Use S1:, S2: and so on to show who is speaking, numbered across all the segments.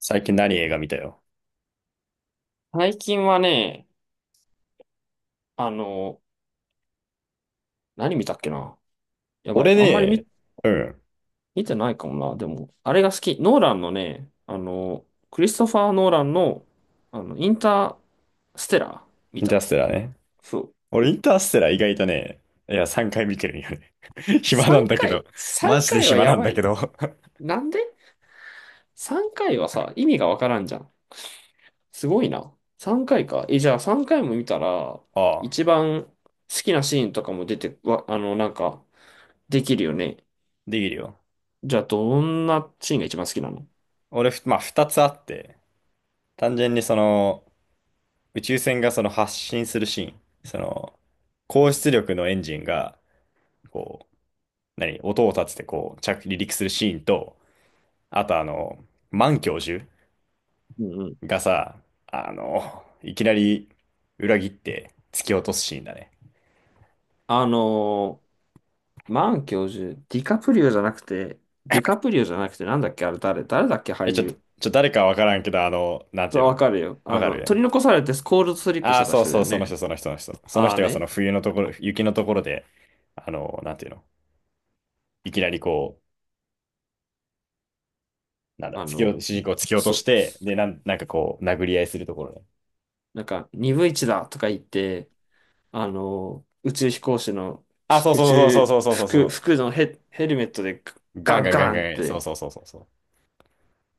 S1: 最近何映画見たよ。
S2: 最近はね、あの、何見たっけな。やばい。
S1: 俺
S2: あんまり
S1: ね、
S2: 見、
S1: うん、
S2: 見てないかもな。でも、あれが好き。ノーランのね、クリストファー・ノーランの、インターステラー見
S1: インター
S2: た。
S1: ステラーね。
S2: そう。
S1: 俺インターステラー意外とね、いや、3回見てるんよね。暇なん
S2: 3
S1: だけど。
S2: 回、
S1: マ
S2: 3
S1: ジで
S2: 回は
S1: 暇
S2: や
S1: なん
S2: ば
S1: だけ
S2: い。
S1: ど。
S2: なんで？ 3 回はさ、意味がわからんじゃん。すごいな。3回かいか。え、じゃあ3回も見たら、
S1: ああ、
S2: 一番好きなシーンとかも出て、わ、あの、なんか、できるよね。
S1: できるよ。
S2: じゃあ、どんなシーンが一番好きなの？
S1: 俺、ふまあ、2つあって、単純に、宇宙船がその発進するシーン、その、高出力のエンジンが、こう、何、音を立ててこう、着離陸するシーンと、あと、満教授
S2: うん。
S1: がさ、いきなり裏切って突き落とすシーンだね。
S2: あのマン教授、ディカプリオじゃなくて、ディカプリオじゃなくて、なんだっけ、あれ誰だっけ、俳
S1: え、ちょっと、
S2: 優。
S1: 誰かわからんけど、なんて
S2: そ
S1: いう
S2: う、
S1: の。
S2: わかるよ。
S1: わかる。
S2: 取り残されてスコールドスリップし
S1: ああー、
S2: てた
S1: そう
S2: 人だ
S1: そう、
S2: よ
S1: その人、
S2: ね。
S1: その人、その人。その
S2: ああ
S1: 人がその
S2: ね、
S1: 冬のところ、雪のところで、なんていうの。いきなりこう、なんだ、
S2: あ
S1: 突き落と、
S2: の、
S1: 主人公を突き落とし
S2: そ、
S1: て、で、なんかこう、殴り合いするところね。
S2: なんか、2分1だとか言って、宇宙飛行士の
S1: あ、
S2: し
S1: そう
S2: 宇
S1: そうそうそ
S2: 宙
S1: うそうそうそ
S2: 服、
S1: うそ
S2: 服のヘルメットで
S1: う。ガ
S2: ガ
S1: ン
S2: ン
S1: ガンガン
S2: ガンっ
S1: ガン、そうそ
S2: て、
S1: うそうそうそう。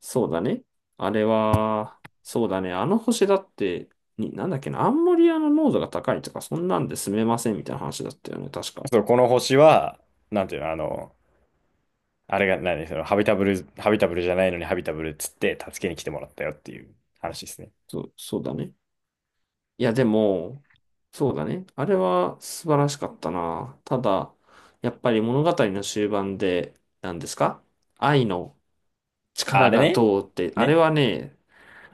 S2: そうだね。あれは、そうだね。あの星だって、なんだっけな、アンモニアの濃度が高いとか、そんなんで住めませんみたいな話だったよね、確か。
S1: そう、この星は、なんていうの、あの、あれが何、その、ハビタブル、ハビタブルじゃないのにハビタブルっつって助けに来てもらったよっていう話ですね。
S2: そう、そうだね。いや、でも、そうだね。あれは素晴らしかったな。ただ、やっぱり物語の終盤で、何ですか、愛の
S1: あ
S2: 力
S1: れ
S2: が
S1: ね。
S2: どうって、あれ
S1: ね。
S2: はね、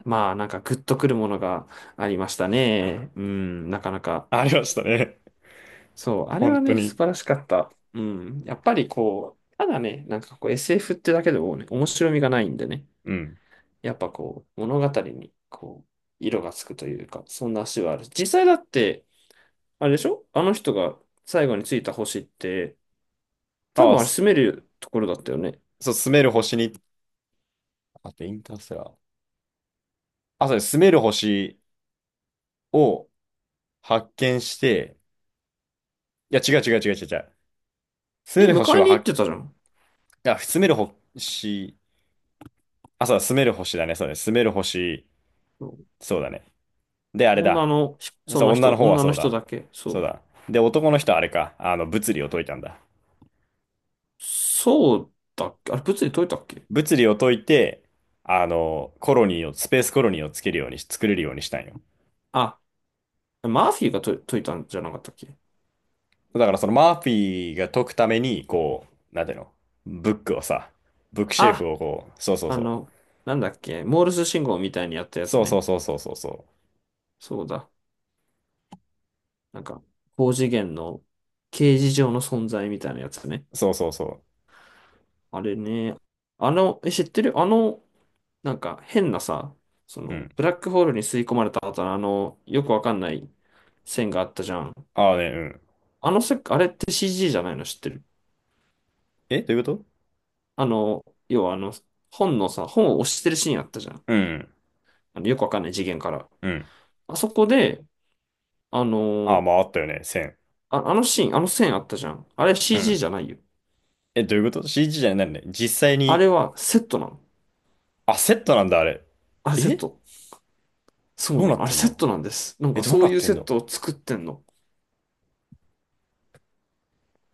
S2: まあ、なんかグッとくるものがありましたね。うん、なかなか。
S1: ありましたね。
S2: そう、あれ
S1: 本
S2: は
S1: 当
S2: ね、素
S1: に。
S2: 晴らしかった。うん。やっぱりこう、ただね、なんかこう SF ってだけでもね、面白みがないんでね、
S1: うん。
S2: やっぱこう、物語にこう、色がつくというか、そんな足はある。実際だって、あれでしょ、あの人が最後についた星って、多
S1: ああ、
S2: 分あれ
S1: す
S2: 住めるところだったよね。
S1: そう、住める星に、あとインターステラー。あ、そうです。住める星を発見して、いや、違う。住
S2: え、
S1: める星
S2: 迎え
S1: は、
S2: に行っ
S1: は、
S2: てたじゃん。
S1: あ、住める星、あ、そうだ、住める星だね。そうだね。住める星、
S2: そう、
S1: そうだね。で、あれ
S2: 女
S1: だ。
S2: の、そ
S1: そう、
S2: の
S1: 女
S2: 人、
S1: の方は
S2: 女
S1: そ
S2: の
S1: う
S2: 人
S1: だ。
S2: だけ。そ
S1: そうだ。
S2: う。
S1: で、男の人はあれか。あの、物理を解いたんだ。
S2: そうだっけ？あれ、物理解いたっけ？
S1: 物理を解いて、あの、コロニーを、スペースコロニーをつけるようにし、作れるようにしたんよ。
S2: あ、マーフィーが解いたんじゃなかったっけ？
S1: だからそのマーフィーが解くために、こう、なんていうの、ブックをさ、ブックシェルフ
S2: あ
S1: をこう、そうそう
S2: あ
S1: そう。
S2: の、なんだっけ、モールス信号みたいにやったや
S1: そ
S2: つ
S1: うそ
S2: ね。
S1: うそうそうそうそ
S2: そうだ。なんか、高次元の形而上の存在みたいなやつね。
S1: う。そうそうそ
S2: あれね。知ってる？なんか変なさ、そ
S1: う。う
S2: の、
S1: ん。
S2: ブラックホールに吸い込まれた後のよくわかんない線があったじゃん。
S1: ああね、うん。
S2: あのせ、あれって CG じゃないの、知ってる？
S1: え、どういうこと。
S2: 要は本のさ、本を押してるシーンあったじゃん。
S1: うん、
S2: よくわかんない次元から。
S1: うん。
S2: あそこで、あ
S1: ああ、
S2: の
S1: まああったよね、線。
S2: あのシーン、あの線あったじゃん。あれ
S1: うん。
S2: CG じゃないよ。
S1: え、どういうこと？ CG じゃないんだね。実際
S2: あ
S1: に、
S2: れはセットなの。
S1: あ、セットなんだ、あれ。
S2: あれセッ
S1: え、
S2: ト。そう
S1: どう
S2: な
S1: なっ
S2: の。あれ
S1: てん
S2: セッ
S1: の。
S2: トなんです。なん
S1: え、
S2: か
S1: どう
S2: そ
S1: な
S2: うい
S1: っ
S2: う
S1: てん
S2: セッ
S1: の。
S2: トを作ってんの。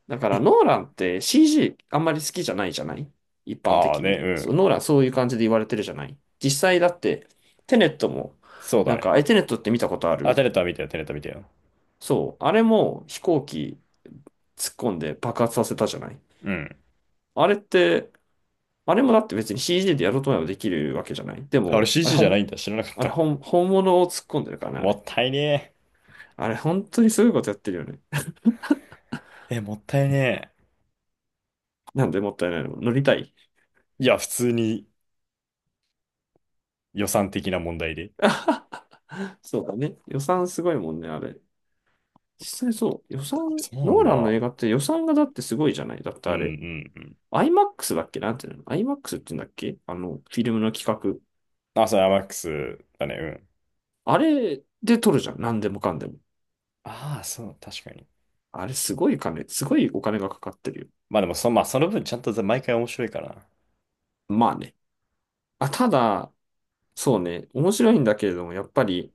S2: だから
S1: え、
S2: ノーランって CG あんまり好きじゃないじゃない？一般
S1: ああ
S2: 的
S1: ね、
S2: に。
S1: う
S2: そう、
S1: ん。
S2: ノーランそういう感じで言われてるじゃない？実際だってテネットも、
S1: そうだ
S2: なん
S1: ね。
S2: か、え、テネットって見たことあ
S1: あ、
S2: る？
S1: テネットは見たよ、テネット見たよ。
S2: そう。あれも飛行機突っ込んで爆発させたじゃない？
S1: うん。
S2: あれって、あれもだって別に CG でやろうと思えばできるわけじゃない？で
S1: あれ
S2: も、あれ
S1: CG じ
S2: ほ
S1: ゃな
S2: ん
S1: いんだ。知らなかっ
S2: あれ、
S1: た。
S2: 本、本物を突っ込んでるからね、あ
S1: も
S2: れ。
S1: ったいね
S2: あれ、本当にすごいことやってるよね。
S1: え。え、もったいね
S2: なんでもったいないの。乗りたい。
S1: え。いや、普通に予算的な問題で。
S2: そうだね。予算すごいもんね、あれ。実際そう。予算、
S1: あ、そう
S2: ノ
S1: なん
S2: ーランの映
S1: だ。
S2: 画って予算がだってすごいじゃない。だって
S1: うんう
S2: あれ、
S1: んうん。
S2: IMAX だっけ？なんていうの？ IMAX って言うんだっけ？フィルムの企画。
S1: あ、そう、アマックスだね。うん。
S2: あれで撮るじゃん。なんでもかんでも。
S1: ああ、そう、確かに。
S2: あれ、すごいお金がかかってるよ。
S1: まあでも、まあその分ちゃんと毎回面白いから。
S2: まあね。あ、ただ、そうね、面白いんだけれども、やっぱり、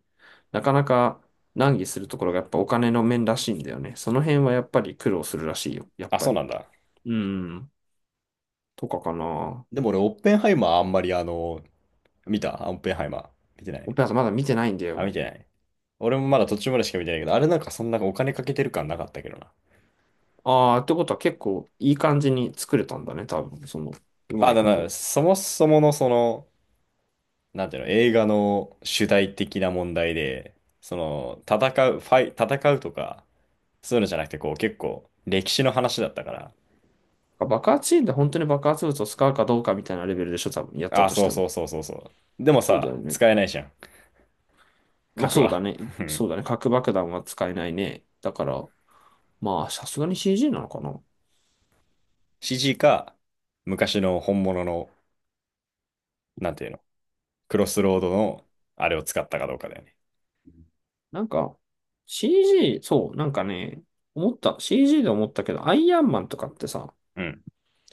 S2: なかなか難儀するところがやっぱお金の面らしいんだよね。その辺はやっぱり苦労するらしいよ、やっ
S1: あ、
S2: ぱ
S1: そう
S2: り。
S1: なんだ。
S2: うん、とかかな。
S1: でも俺、オッペンハイマーあんまり、見たオッペンハイマー。見てな
S2: オ
S1: い。
S2: ペラ座まだ見てないんだ
S1: あ、見
S2: よ。
S1: てない。俺もまだ途中までしか見てないけど、あれなんかそんなお金かけてる感なかったけどな。
S2: ああ、ってことは結構いい感じに作れたんだね、多分、その、うま
S1: あ、
S2: い
S1: だ
S2: こ
S1: な、
S2: と。
S1: そもそものその、なんていうの、映画の主題的な問題で、その、戦う、ファイ、戦うとか、そういうのじゃなくて、こう、結構、歴史の話だったから。
S2: 爆発シーンで本当に爆発物を使うかどうかみたいなレベルでしょ、多分、やっ
S1: あ
S2: た
S1: あ、
S2: とし
S1: そ
S2: て
S1: う
S2: も。
S1: そうそうそうそう。でも
S2: そうだよ
S1: さ、
S2: ね。
S1: 使えないじゃん。
S2: ま
S1: 書
S2: あ
S1: く
S2: そうだ
S1: は。
S2: ね。
S1: うん。
S2: そうだね。核爆弾は使えないね。だから、まあ、さすがに CG なのかな。
S1: シージーか、昔の本物の、なんていうの、クロスロードの、あれを使ったかどうかだよね。
S2: なんか、CG、そう、なんかね、思った、CG で思ったけど、アイアンマンとかってさ、
S1: うん。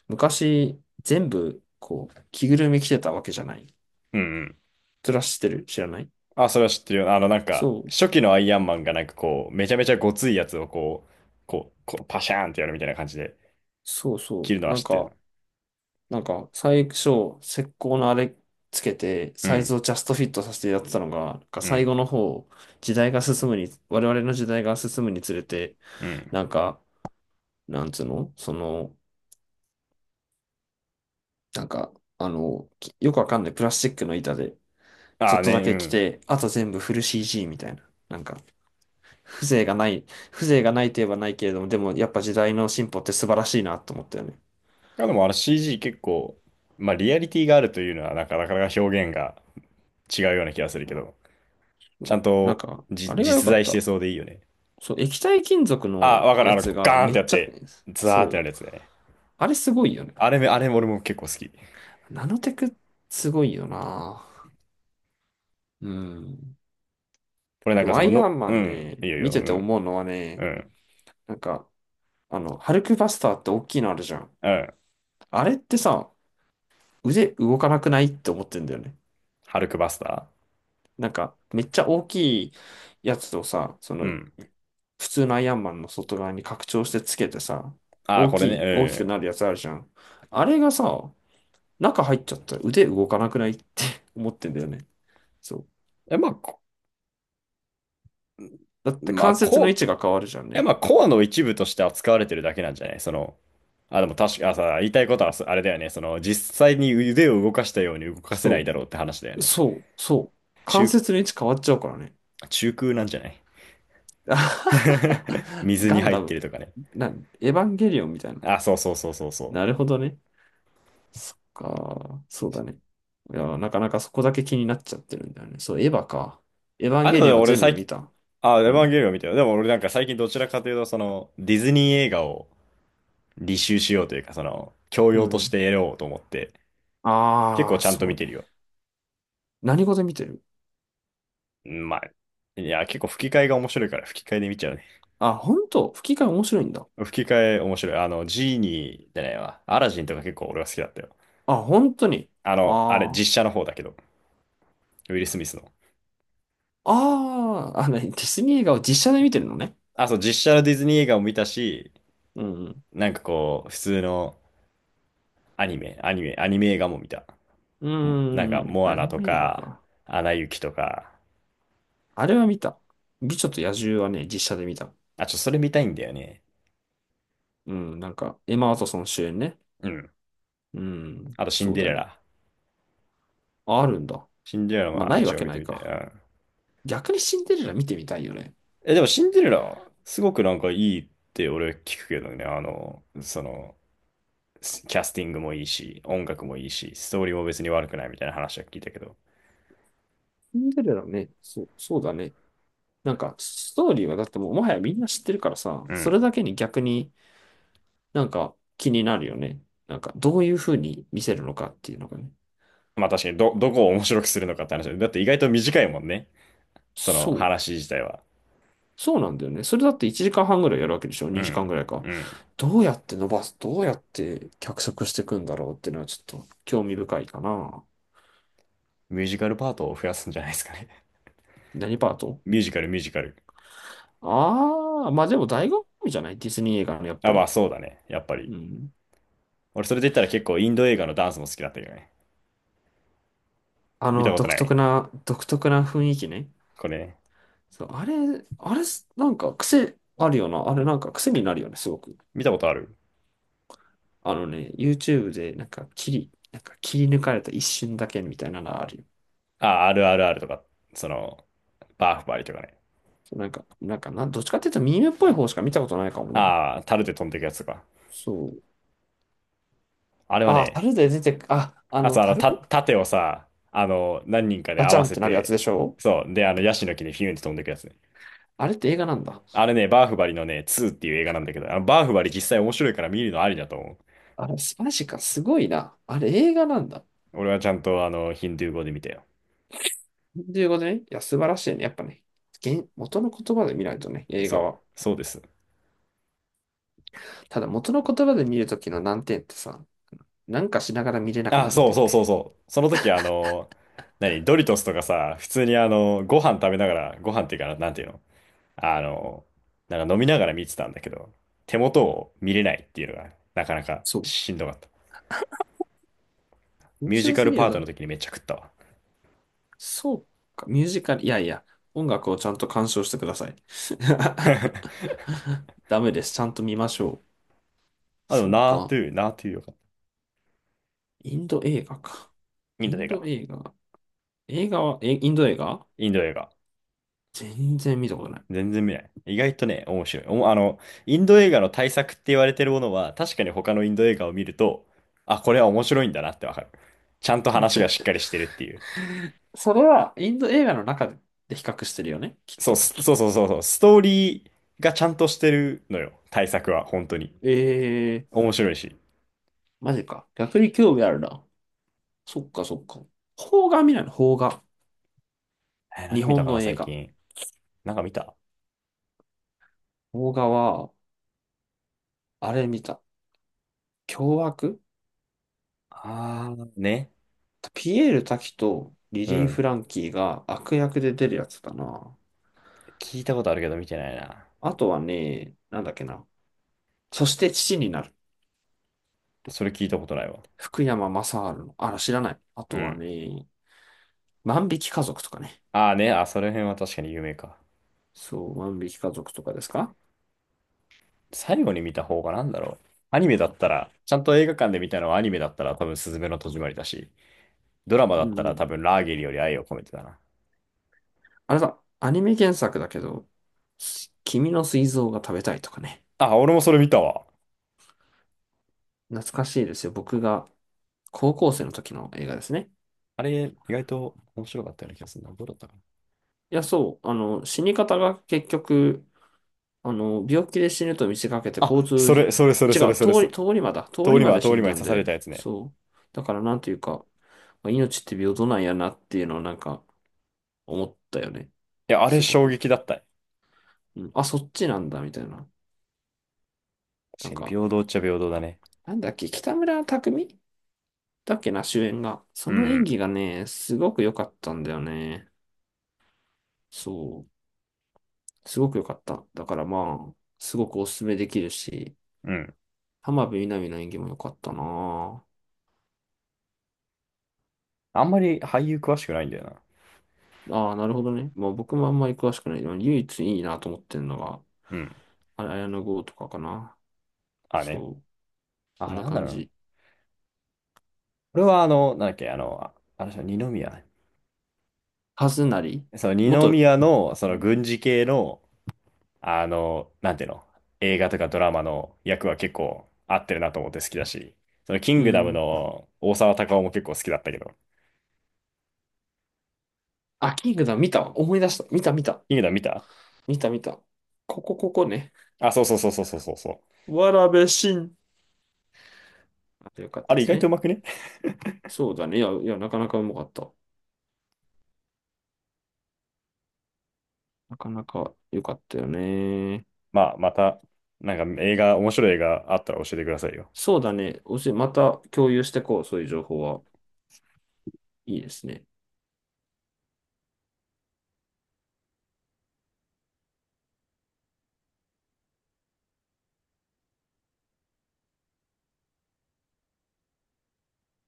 S2: 昔、全部、こう、着ぐるみ着てたわけじゃない。
S1: うんうん。
S2: ずらしてる、知らない？
S1: あ、それは知ってるよ。なんか、
S2: そう、
S1: 初期のアイアンマンがなんかこう、めちゃめちゃごついやつをこう、こうパシャーンってやるみたいな感じで、
S2: そう
S1: 切
S2: そ
S1: るの
S2: う。
S1: は
S2: なん
S1: 知ってるな。
S2: か、なんか、最初、石膏のあれつけて、
S1: う
S2: サイズ
S1: ん。
S2: をジャストフィットさせてやってたのが、なんか
S1: う
S2: 最
S1: ん。
S2: 後の方、時代が進むに、我々の時代が進むにつれて、
S1: うん。
S2: なんか、なんつうのその、なんか、よくわかんないプラスチックの板で、ちょ
S1: あ
S2: っ
S1: あ
S2: とだ
S1: ね、う
S2: け来
S1: ん。
S2: て、あと全部フル CG みたいな。なんか、風情がない、風情がないといえばないけれども、でもやっぱ時代の進歩って素晴らしいなと思ったよね。
S1: あでもあの CG 結構、まあリアリティがあるというのはなかなか表現が違うような気がするけど、
S2: う
S1: ちゃ
S2: ん、
S1: ん
S2: なん
S1: と
S2: か、あれが良
S1: 実
S2: かっ
S1: 在して
S2: た。
S1: そうでいいよね。
S2: そう、液体金属
S1: あ、
S2: の
S1: わかる。
S2: や
S1: あの、
S2: つが
S1: ガーンっ
S2: め
S1: て
S2: っ
S1: やっ
S2: ちゃ、
S1: て、ザーってな
S2: そう、
S1: るやつだよね。
S2: あれすごいよね。
S1: あれめ、あれも俺も結構好き。
S2: ナノテクすごいよな。うん。
S1: 俺なん
S2: で
S1: か
S2: も
S1: そ
S2: ア
S1: の、
S2: イア
S1: の、
S2: ンマ
S1: う
S2: ン
S1: ん、い
S2: ね、
S1: いよいい
S2: 見
S1: よ、う
S2: てて
S1: ん、
S2: 思うのは
S1: う
S2: ね、
S1: ん、
S2: なんか、ハルクバスターって大きいのあるじゃん。
S1: うん。
S2: あれってさ、腕動かなくないって思ってんだよね。
S1: ハルクバスタ
S2: なんか、めっちゃ大きいやつをさ、そ
S1: ー。う
S2: の、
S1: ん。
S2: 普通のアイアンマンの外側に拡張してつけてさ、
S1: ああ、
S2: 大
S1: こ
S2: き
S1: れ
S2: い、大きく
S1: ね、
S2: なるやつあるじゃん。あれがさ、中入っちゃったら腕動かなくないって 思ってんだよね。そう。
S1: うん。え、まあ、こ、
S2: だって
S1: まあ、
S2: 関節の位
S1: こ、
S2: 置が変わるじゃん
S1: や、
S2: ね。
S1: まあ、コアの一部として扱われてるだけなんじゃないその、あ、でも確か、言いたいことはそあれだよね。その、実際に腕を動かしたように動かせない
S2: そ
S1: だろうって話だよ
S2: う。
S1: ね。
S2: そう。そう。関
S1: 中、
S2: 節の位置変わっちゃうからね。
S1: 中空なんじゃない。 水
S2: ガ
S1: に
S2: ン
S1: 入っ
S2: ダ
S1: て
S2: ム。
S1: るとかね。
S2: な、エヴァンゲリオンみたいな。
S1: あ、そうそうそうそうそ
S2: なる
S1: う。
S2: ほどね。そっか、そうだね。いや、なかなかそこだけ気になっちゃってるんだよね。そう、エヴァか。エヴァン
S1: あ、で
S2: ゲ
S1: も
S2: リ
S1: ね
S2: オンは
S1: 俺
S2: 全部
S1: 最
S2: 見
S1: 近、
S2: た。
S1: あ、エヴ
S2: う
S1: ァン
S2: ん。
S1: ゲリオン見てよ。でも俺なんか最近どちらかというと、その、ディズニー映画を履修しようというか、その、教
S2: う
S1: 養とし
S2: ん。
S1: て得ようと思って、結構
S2: ああ、
S1: ちゃんと
S2: そう
S1: 見て
S2: ね。
S1: るよ。
S2: 何語で見てる？
S1: うんまあ、いや、結構吹き替えが面白いから吹き替えで見ちゃうね。
S2: あ、本当？吹き替え面白いんだ。
S1: 吹き替え面白い。あの、ジーニーじゃないわ。アラジンとか結構俺は好きだったよ。
S2: あ、本当に。
S1: あの、あれ、
S2: ああ。
S1: 実写の方だけど、ウィル・スミスの。
S2: ああ、ディズニー映画を実写で見てるのね。
S1: あ、そう、実写のディズニー映画も見たし、
S2: うん。
S1: なんかこう、普通のアニメ映画も見た。
S2: う
S1: もなん
S2: ん。う
S1: か、
S2: ーん。
S1: モア
S2: ア
S1: ナ
S2: ニ
S1: と
S2: メ映画
S1: か、
S2: か。
S1: アナ雪とか。
S2: あれは見た。美女と野獣はね、実写で見た。
S1: あ、ちょ、それ見たいんだよね。
S2: うん。なんか、エマ・ワトソン主演ね。
S1: うん。
S2: うん。
S1: あと、シン
S2: そう
S1: デ
S2: だ
S1: レ
S2: ね。
S1: ラ。
S2: あ、あるんだ。
S1: シンデレラ
S2: まあ、
S1: は
S2: ないわ
S1: 一応
S2: け
S1: 見
S2: な
S1: て
S2: い
S1: みたい。う
S2: か。
S1: ん。
S2: 逆にシンデレラ見てみたいよね。
S1: え、でも、シンデレラ、すごくなんかいいって俺聞くけどね、あの、その、キャスティングもいいし、音楽もいいし、ストーリーも別に悪くないみたいな話は聞いたけど。
S2: シンデレラね、そう、そうだね。なんか、ストーリーはだってもう、もはやみんな知ってるからさ、
S1: う
S2: それ
S1: ん。
S2: だけに逆になんか気になるよね。なんか、どういう風に見せるのかっていうのがね。
S1: まあ確かに、どこを面白くするのかって話だ。って意外と短いもんね。その
S2: そう。
S1: 話自体は。
S2: そうなんだよね。それだって1時間半ぐらいやるわけでしょ？
S1: う
S2: 2 時間
S1: ん。
S2: ぐらいか。
S1: うん。
S2: どうやって脚色していくんだろうっていうのはちょっと興味深いかな。
S1: ミュージカルパートを増やすんじゃないですかね。
S2: 何パート？
S1: ミュージカル、ミュージカル。
S2: ああー、まあでも醍醐味じゃない、ディズニー映画の、やっ
S1: あ、
S2: ぱ
S1: まあ
S2: り。
S1: そうだね。やっぱ
S2: う
S1: り。
S2: ん。
S1: 俺それで言ったら結構インド映画のダンスも好きだったけどね。見たこと
S2: 独
S1: ない。
S2: 特な、独特な雰囲気ね。
S1: これ、ね、
S2: そう、あれ、なんか癖あるよな。あれ、なんか癖になるよね、すごく。
S1: 見たことある。
S2: YouTube で、切り抜かれた一瞬だけみたいなのあるよ。
S1: あ、あるある、その、バーフバリとかね。
S2: なんか、なんかな、どっちかっていうとミームっぽい方しか見たことないかもな。
S1: ああ、タルで飛んでいくやつとか。
S2: そう。
S1: あれはね、
S2: 樽で出てく、
S1: あと、あの、
S2: 樽
S1: た、盾をさ、あの、何人かで
S2: ガ
S1: 合
S2: チャ
S1: わ
S2: ンっ
S1: せ
S2: てなるやつ
S1: て、
S2: でしょ。
S1: そう。で、あの、ヤシの木にフィュンって飛んでくやつね。
S2: あれって映画なんだ。
S1: あれね、バーフバリのね、2っていう映画なんだけど、あの、バーフバリ実際面白いから見るのありだと思う。
S2: あれ、素晴らしいか、すごいな。あれ、映画なんだ。
S1: 俺はちゃんと、あの、ヒンドゥー語で見たよ。
S2: ということね。いや、素晴らしいね。やっぱね、原元の言葉で見ないとね、映
S1: そ
S2: 画
S1: う。
S2: は。
S1: そうです。
S2: ただ元の言葉で見るときの難点ってさ、なんかしながら見れなく
S1: あ、
S2: なるん
S1: そ
S2: だ
S1: う
S2: よ
S1: そうそう
S2: ね。
S1: そう。その時、あの、何、ドリトスとかさ、普通にあの、ご飯食べながら、ご飯っていうかな、なんていうの。あの、なんか飲みながら見てたんだけど、手元を見れないっていうのが、なかなか
S2: そう。
S1: しんどかった。
S2: 面
S1: ミュージ
S2: 白
S1: カ
S2: す
S1: ル
S2: ぎ
S1: パ
S2: る
S1: ー
S2: だ
S1: トの
S2: ろ。
S1: 時にめっちゃ食ったわ。
S2: そうか、ミュージカル、いやいや、音楽をちゃんと鑑賞してください。ダメです。ちゃんと見ましょう。
S1: あ、でも、
S2: そう
S1: ナート
S2: か。
S1: ゥー、ナートゥーよかった。
S2: インド映画か。
S1: イン
S2: イ
S1: ド
S2: ン
S1: 映
S2: ド
S1: 画。
S2: 映画。映画は、インド映画
S1: インド映画。
S2: 全然見たことな
S1: 全然見ない。意外とね、面白い。おもあの、インド映画の対策って言われてるものは、確かに他のインド映画を見ると、あ、これは面白いんだなってわかる。ちゃんと
S2: い。
S1: 話がしっかりしてるっていう。
S2: それはインド映画の中で比較してるよね、きっ
S1: そう、
S2: と。
S1: すそうそうそうそう。ストーリーがちゃんとしてるのよ。対策は、本当に。
S2: えー、
S1: 面白いし。
S2: マジか。逆に興味あるな。そっかそっか。邦画見ないの邦画。
S1: えー、
S2: 日
S1: 何見た
S2: 本
S1: かな、
S2: の映
S1: 最
S2: 画。
S1: 近。なんか見た。
S2: 邦画は、あれ見た。凶悪、
S1: あー、ね。
S2: ピエール瀧とリ
S1: う
S2: リー・
S1: ん。
S2: フランキーが悪役で出るやつだな。
S1: 聞いたことあるけど見てないな。
S2: あとはね、なんだっけな。そして父になる。
S1: それ聞いたことないわ。
S2: 福山雅治の。あら、知らない。あ
S1: う
S2: とは
S1: ん。
S2: ね、万引き家族とかね。
S1: ああね、あ、その辺は確かに有名か。
S2: そう、万引き家族とかですか。
S1: 最後に見た方がなんだろう。アニメだったら、ちゃんと映画館で見たのはアニメだったら多分スズメの戸締まりだし、ドラマ
S2: う
S1: だった
S2: んう
S1: ら多
S2: ん。
S1: 分ラーゲリより愛を込めてだな。
S2: あれだ、アニメ原作だけど、君の膵臓が食べたいとかね。
S1: あ、俺もそれ見たわ。
S2: 懐かしいですよ。僕が高校生の時の映画ですね。
S1: あれ、意外と面白かったような気がするな。どうだったかな。
S2: いや、そう。死に方が結局、病気で死ぬと見せかけて交
S1: あ、そ
S2: 通、
S1: れ、それ、それ、
S2: 違
S1: それ、
S2: う、
S1: それ、それ。
S2: 通り魔だ。通
S1: 通
S2: り
S1: り
S2: 魔
S1: 魔、
S2: で
S1: 通
S2: 死
S1: り
S2: ん
S1: 魔
S2: だ
S1: に
S2: ん
S1: 刺
S2: だ
S1: され
S2: よ。
S1: たやつね。
S2: そう。だからなんていうか、まあ命って平等なんやなっていうのをなんか思ったよね。
S1: いや、あれ
S2: すご
S1: 衝
S2: く。
S1: 撃だった。
S2: うん、あ、そっちなんだ、みたいな。
S1: 確
S2: な
S1: か
S2: ん
S1: に
S2: か、
S1: 平等っちゃ平等だね。
S2: なんだっけ、北村匠海だっけな、主演が。そ
S1: う
S2: の演
S1: ん、
S2: 技がね、すごく良かったんだよね。そう。すごく良かった。だからまあ、すごくおすすめできるし、
S1: うん。
S2: 浜辺美波の演技も良かったなぁ。
S1: あんまり俳優詳しくないんだよな。
S2: ああ、なるほどね。まあ僕もあんまり詳しくない。でも唯一いいなと思ってるのが、
S1: うん。
S2: あれ、綾野剛とかかな。
S1: あね。
S2: そう、こ
S1: あ
S2: ん
S1: れ
S2: な
S1: なんだ
S2: 感
S1: ろうな。
S2: じ。
S1: これはあの、なんだっけ、あの、ああの人、二宮。
S2: はずなり
S1: その二
S2: 元、
S1: 宮の、そ
S2: う
S1: の
S2: ん
S1: 軍事系の、あの、なんていうの、映画とかドラマの役は結構合ってるなと思って好きだし、そのキン
S2: う
S1: グダム
S2: ん。
S1: の大沢たかおも結構好きだったけど、
S2: あ、キングダム見たわ。思い出した。見た見た。
S1: キングダム見た。
S2: 見た見た。ここここね。
S1: あ、そう。
S2: わべしんあとよかっ
S1: あ
S2: たで
S1: れ意
S2: す
S1: 外とう
S2: ね。
S1: まくね。
S2: そうだね。いや、いや、なかなかうまかった。なかなか良かったよね。
S1: まあ、また、なんか映画、面白い映画あったら教えてくださいよ。
S2: そうだね。おし、また共有してこう。そういう情報は。いいですね。